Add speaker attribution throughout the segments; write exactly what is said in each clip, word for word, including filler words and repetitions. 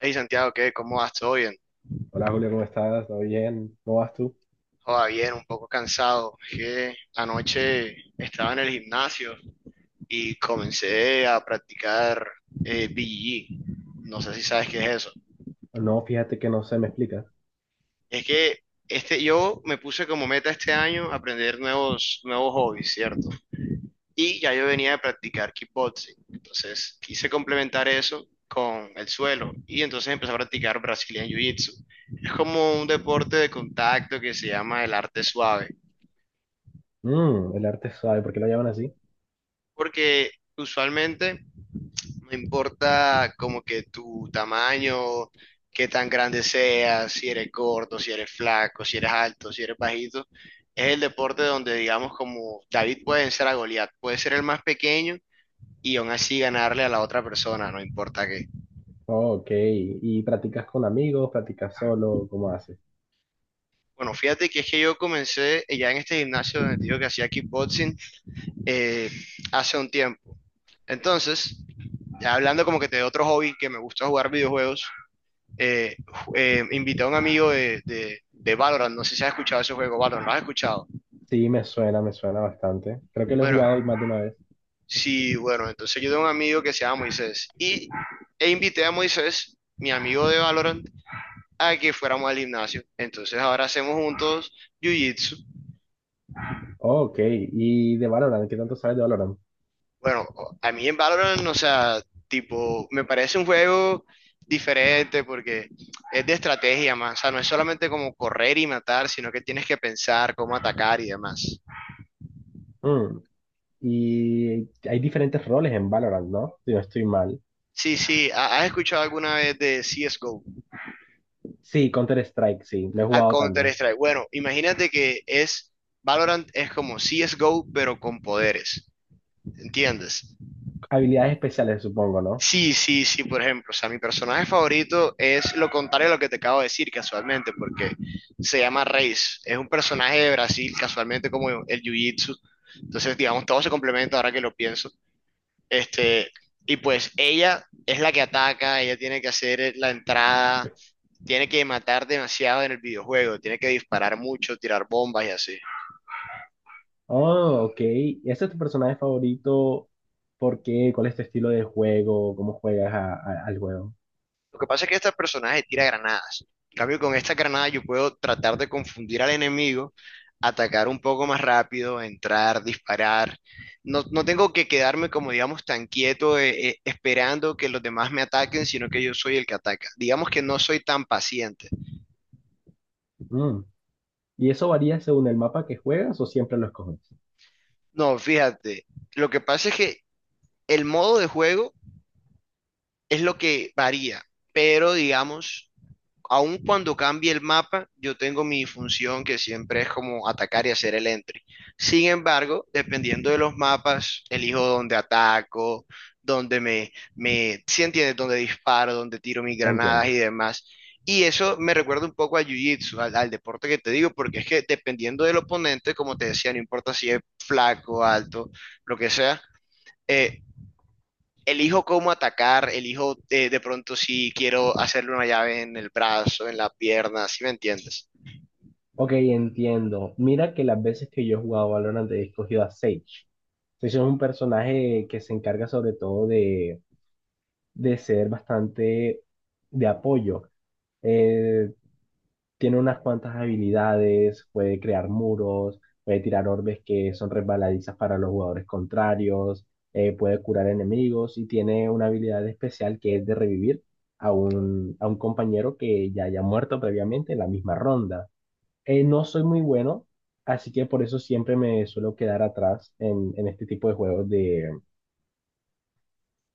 Speaker 1: Hey Santiago, ¿qué? ¿Cómo vas? ¿Todo bien?
Speaker 2: Hola Julio, ¿cómo estás? ¿Todo bien? ¿Cómo vas tú?
Speaker 1: Joda, bien, un poco cansado. Es que anoche estaba en el gimnasio y comencé a practicar eh, B J J. No sé si sabes qué es eso.
Speaker 2: No, fíjate que no sé, me explicas.
Speaker 1: Es que este, yo me puse como meta este año aprender nuevos, nuevos hobbies, ¿cierto? Y ya yo venía de practicar kickboxing. Entonces quise complementar eso con el suelo y entonces empecé a practicar Brazilian Jiu-Jitsu. Es como un deporte de contacto que se llama el arte suave.
Speaker 2: Mm, el arte suave, ¿por qué lo llaman así?
Speaker 1: Porque usualmente no importa como que tu tamaño, qué tan grande seas, si eres gordo, si eres flaco, si eres alto, si eres bajito, es el deporte donde digamos como David puede vencer a Goliat, puede ser el más pequeño y aún así ganarle a la otra persona, no importa qué.
Speaker 2: Ok, ¿y practicas con amigos? ¿Practicas solo? ¿Cómo haces?
Speaker 1: Bueno, fíjate que es que yo comencé eh, ya en este gimnasio donde te digo que hacía kickboxing eh, hace un tiempo. Entonces, ya hablando como que de otro hobby que me gusta jugar videojuegos, eh, eh, invité a un amigo de, de, de Valorant, no sé si has escuchado ese juego, Valorant, ¿lo has escuchado?
Speaker 2: Sí, me suena, me suena bastante. Creo que lo he
Speaker 1: Bueno,
Speaker 2: jugado más de una vez.
Speaker 1: sí, bueno, entonces yo tengo un amigo que se llama Moisés y e invité a Moisés, mi amigo de Valorant, a que fuéramos al gimnasio. Entonces ahora hacemos juntos Jiu-Jitsu.
Speaker 2: Ok, ¿y de Valorant? ¿Qué tanto sabes de Valorant?
Speaker 1: Bueno, a mí en Valorant, o sea, tipo, me parece un juego diferente porque es de estrategia más, o sea, no es solamente como correr y matar, sino que tienes que pensar cómo atacar y demás.
Speaker 2: Mm, y hay diferentes roles en Valorant, ¿no? Si no estoy mal.
Speaker 1: Sí, sí, ¿ha- ¿has escuchado alguna vez de C S G O?
Speaker 2: Sí, Counter-Strike, sí, lo he
Speaker 1: A
Speaker 2: jugado también.
Speaker 1: Counter-Strike. Bueno, imagínate que es, Valorant es como C S G O, pero con poderes, ¿entiendes?
Speaker 2: Habilidades especiales, supongo, ¿no?
Speaker 1: Sí, sí, sí, por ejemplo, o sea, mi personaje favorito es lo contrario a lo que te acabo de decir casualmente, porque se llama Reis, es un personaje de Brasil, casualmente como el Jiu-Jitsu, entonces, digamos, todo se complementa ahora que lo pienso. Este, y pues ella es la que ataca, ella tiene que hacer la entrada, tiene que matar demasiado en el videojuego, tiene que disparar mucho, tirar bombas y así.
Speaker 2: Oh, ok. ¿Ese es tu personaje favorito? ¿Por qué? ¿Cuál es tu estilo de juego? ¿Cómo juegas a- a- al juego?
Speaker 1: Lo que pasa es que este personaje tira granadas. En cambio, con esta granada yo puedo tratar de confundir al enemigo, atacar un poco más rápido, entrar, disparar. No, no tengo que quedarme como, digamos, tan quieto eh, eh, esperando que los demás me ataquen, sino que yo soy el que ataca. Digamos que no soy tan paciente.
Speaker 2: Mm. ¿Y eso varía según el mapa que juegas o siempre lo escoges?
Speaker 1: No, fíjate, lo que pasa es que el modo de juego es lo que varía, pero digamos aun cuando cambie el mapa, yo tengo mi función que siempre es como atacar y hacer el entry. Sin embargo, dependiendo de los mapas, elijo dónde ataco, dónde me, me, si entiendes, dónde disparo, dónde tiro mis granadas y
Speaker 2: Entiendo.
Speaker 1: demás. Y eso me recuerda un poco a Jiu-Jitsu, al, al deporte que te digo, porque es que dependiendo del oponente, como te decía, no importa si es flaco, alto, lo que sea, eh, elijo cómo atacar, elijo eh, de pronto si quiero hacerle una llave en el brazo, en la pierna, ¿si me entiendes?
Speaker 2: Ok, entiendo. Mira que las veces que yo he jugado Valorant he escogido a Sage. Sage es un personaje que se encarga sobre todo de, de ser bastante de apoyo. Eh, Tiene unas cuantas habilidades, puede crear muros, puede tirar orbes que son resbaladizas para los jugadores contrarios, eh, puede curar enemigos y tiene una habilidad especial que es de revivir a un, a un compañero que ya haya muerto previamente en la misma ronda. Eh, no soy muy bueno, así que por eso siempre me suelo quedar atrás en, en este tipo de juegos de,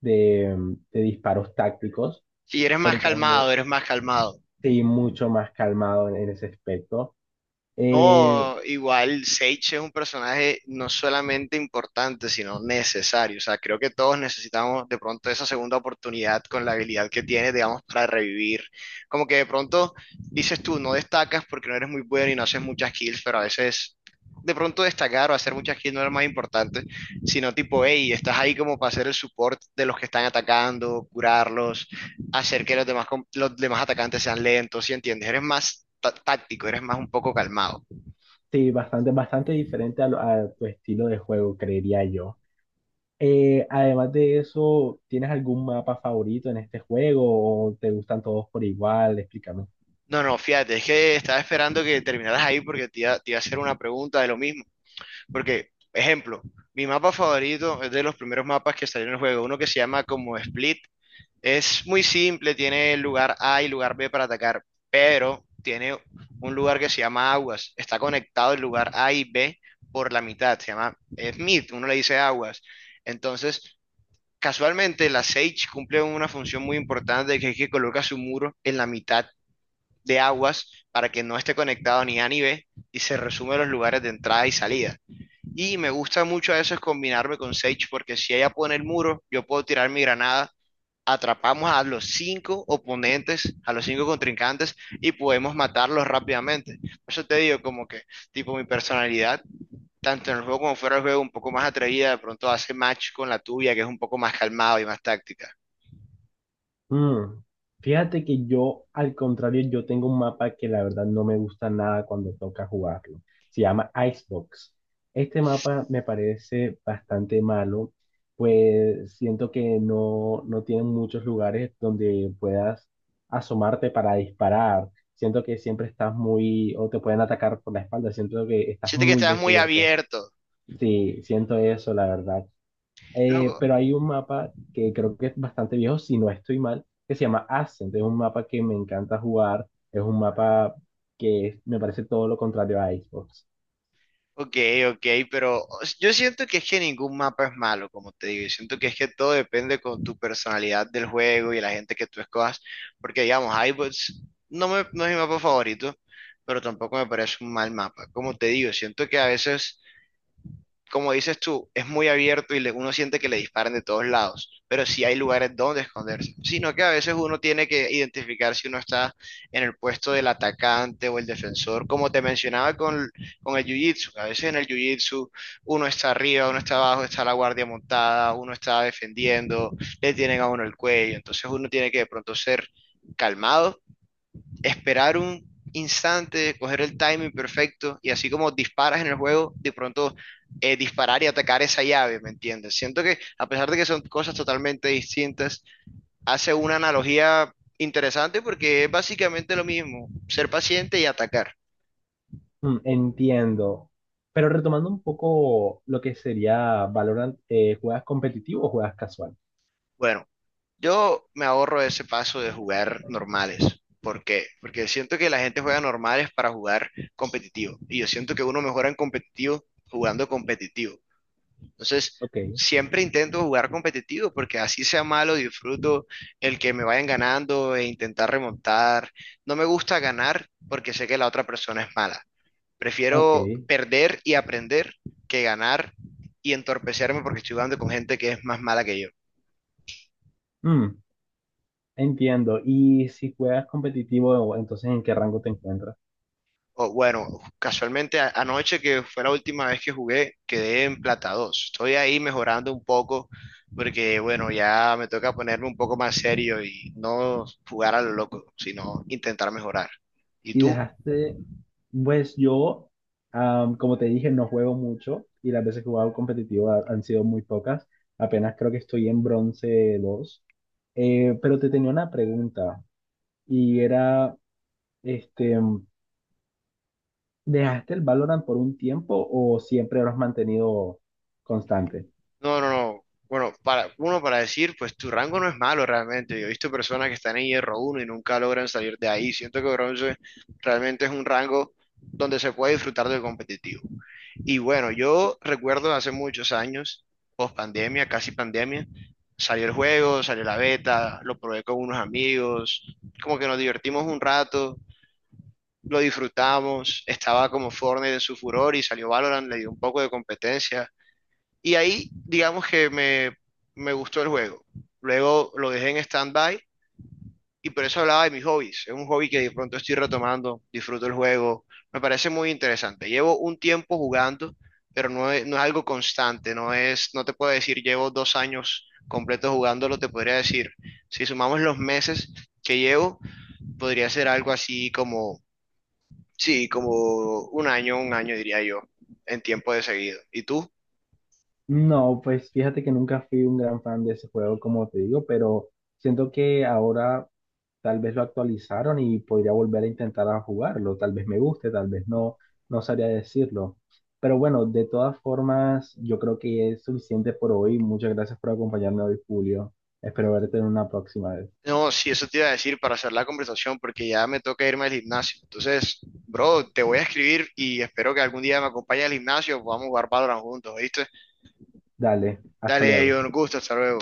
Speaker 2: de, mm, de disparos tácticos,
Speaker 1: Si eres más
Speaker 2: sobre todo de,
Speaker 1: calmado, eres más calmado.
Speaker 2: sí, mucho más calmado en, en ese aspecto. Eh,
Speaker 1: No, igual Sage es un personaje no solamente importante, sino necesario. O sea, creo que todos necesitamos de pronto esa segunda oportunidad con la habilidad que tiene, digamos, para revivir. Como que de pronto dices tú, no destacas porque no eres muy bueno y no haces muchas kills, pero a veces de pronto destacar o hacer muchas kills no es lo más importante, sino tipo, hey, estás ahí como para hacer el support de los que están atacando, curarlos, hacer que los demás, com- los demás atacantes sean lentos, ¿sí entiendes? Eres más... tá- táctico, eres más un poco calmado.
Speaker 2: Sí, bastante, bastante diferente a, lo- a tu estilo de juego, creería yo. Eh, además de eso, ¿tienes algún mapa favorito en este juego o te gustan todos por igual? Explícame.
Speaker 1: No, no, fíjate, es que estaba esperando que terminaras ahí porque te iba, te iba a hacer una pregunta de lo mismo. Porque, ejemplo, mi mapa favorito es de los primeros mapas que salieron en el juego, uno que se llama como Split. Es muy simple, tiene lugar A y lugar B para atacar, pero tiene un lugar que se llama Aguas. Está conectado el lugar A y B por la mitad, se llama Smith, uno le dice Aguas. Entonces, casualmente la Sage cumple una función muy importante que es que coloca su muro en la mitad de aguas para que no esté conectado ni A ni B y se resume los lugares de entrada y salida. Y me gusta mucho a veces combinarme con Sage porque si ella pone el muro, yo puedo tirar mi granada, atrapamos a los cinco oponentes, a los cinco contrincantes y podemos matarlos rápidamente. Por eso te digo como que tipo mi personalidad, tanto en el juego como fuera del juego, un poco más atrevida, de pronto hace match con la tuya que es un poco más calmado y más táctica.
Speaker 2: Mm, Fíjate que yo, al contrario, yo tengo un mapa que la verdad no me gusta nada cuando toca jugarlo. Se llama Icebox. Este mapa me parece bastante malo, pues siento que no, no tiene muchos lugares donde puedas asomarte para disparar. Siento que siempre estás muy, o te pueden atacar por la espalda. Siento que estás
Speaker 1: Siente que
Speaker 2: muy
Speaker 1: estás muy
Speaker 2: descubierto.
Speaker 1: abierto.
Speaker 2: Sí, siento eso, la verdad. Eh,
Speaker 1: Loco,
Speaker 2: pero hay un mapa que creo que es bastante viejo, si no estoy mal, que se llama Ascent. Es un mapa que me encanta jugar. Es un mapa que es- me parece todo lo contrario a Xbox.
Speaker 1: ok, ok, pero yo siento que es que ningún mapa es malo, como te digo, y siento que es que todo depende con tu personalidad del juego y la gente que tú escojas, porque digamos, iBots no, me- no es mi mapa favorito, pero tampoco me parece un mal mapa. Como te digo, siento que a veces como dices tú, es muy abierto y le- uno siente que le disparan de todos lados, pero sí hay lugares donde esconderse, sino que a veces uno tiene que identificar si uno está en el puesto del atacante o el defensor, como te mencionaba con, con el jiu-jitsu, a veces en el jiu-jitsu uno está arriba, uno está abajo, está la guardia montada, uno está defendiendo, le tienen a uno el cuello, entonces uno tiene que de pronto ser calmado, esperar un instante, coger el timing perfecto y así como disparas en el juego, de pronto eh, disparar y atacar esa llave, ¿me entiendes? Siento que a pesar de que son cosas totalmente distintas, hace una analogía interesante porque es básicamente lo mismo, ser paciente y atacar.
Speaker 2: Mm, entiendo. Pero retomando un poco lo que sería Valorant, eh, ¿juegas competitivo o juegas casual?
Speaker 1: Bueno, yo me ahorro ese paso de jugar normales. ¿Por qué? Porque siento que la gente juega normales para jugar competitivo y yo siento que uno mejora en competitivo jugando competitivo. Entonces,
Speaker 2: Ok,
Speaker 1: siempre intento jugar competitivo porque así sea malo, disfruto el que me vayan ganando e intentar remontar. No me gusta ganar porque sé que la otra persona es mala.
Speaker 2: ok.
Speaker 1: Prefiero perder y aprender que ganar y entorpecerme porque estoy jugando con gente que es más mala que yo.
Speaker 2: Mm, Entiendo. Y si juegas competitivo, entonces ¿en qué rango te encuentras?
Speaker 1: O, bueno, casualmente a- anoche que fue la última vez que jugué, quedé en plata dos. Estoy ahí mejorando un poco porque, bueno, ya me toca ponerme un poco más serio y no jugar a lo loco, sino intentar mejorar. ¿Y
Speaker 2: Y
Speaker 1: tú?
Speaker 2: dejaste, pues yo, am, como te dije, no juego mucho y las veces que he jugado competitivo ha- han sido muy pocas, apenas creo que estoy en bronce dos. Eh, pero te tenía una pregunta y era, este, ¿dejaste el Valorant por un tiempo o siempre lo has mantenido constante?
Speaker 1: No, no, no. Bueno, para uno para decir, pues tu rango no es malo realmente. Yo he visto personas que están en hierro uno y nunca logran salir de ahí. Siento que bronce realmente es un rango donde se puede disfrutar del competitivo. Y bueno, yo recuerdo hace muchos años, post pandemia, casi pandemia, salió el juego, salió la beta, lo probé con unos amigos, como que nos divertimos un rato, lo disfrutamos, estaba como Fortnite en su furor y salió Valorant, le dio un poco de competencia y ahí, digamos que me, me gustó el juego. Luego lo dejé en stand-by y por eso hablaba de mis hobbies. Es un hobby que de pronto estoy retomando, disfruto el juego, me parece muy interesante. Llevo un tiempo jugando, pero no es, no es algo constante, no es, no te puedo decir llevo dos años completos jugándolo, te podría decir, si sumamos los meses que llevo, podría ser algo así como, sí, como un año, un año diría yo, en tiempo de seguido. ¿Y tú?
Speaker 2: No, pues fíjate que nunca fui un gran fan de ese juego, como te digo, pero siento que ahora tal vez lo actualizaron y podría volver a intentar a jugarlo. Tal vez me guste, tal vez no, no sabría decirlo. Pero bueno, de todas formas, yo creo que es suficiente por hoy. Muchas gracias por acompañarme hoy, Julio. Espero verte en una próxima vez.
Speaker 1: No, sí, eso te iba a decir para hacer la conversación, porque ya me toca irme al gimnasio. Entonces, bro, te voy a escribir y espero que algún día me acompañes al gimnasio, podamos jugar Valorant juntos, ¿viste?
Speaker 2: Dale, hasta
Speaker 1: Dale, yo
Speaker 2: luego.
Speaker 1: un gusto, hasta luego.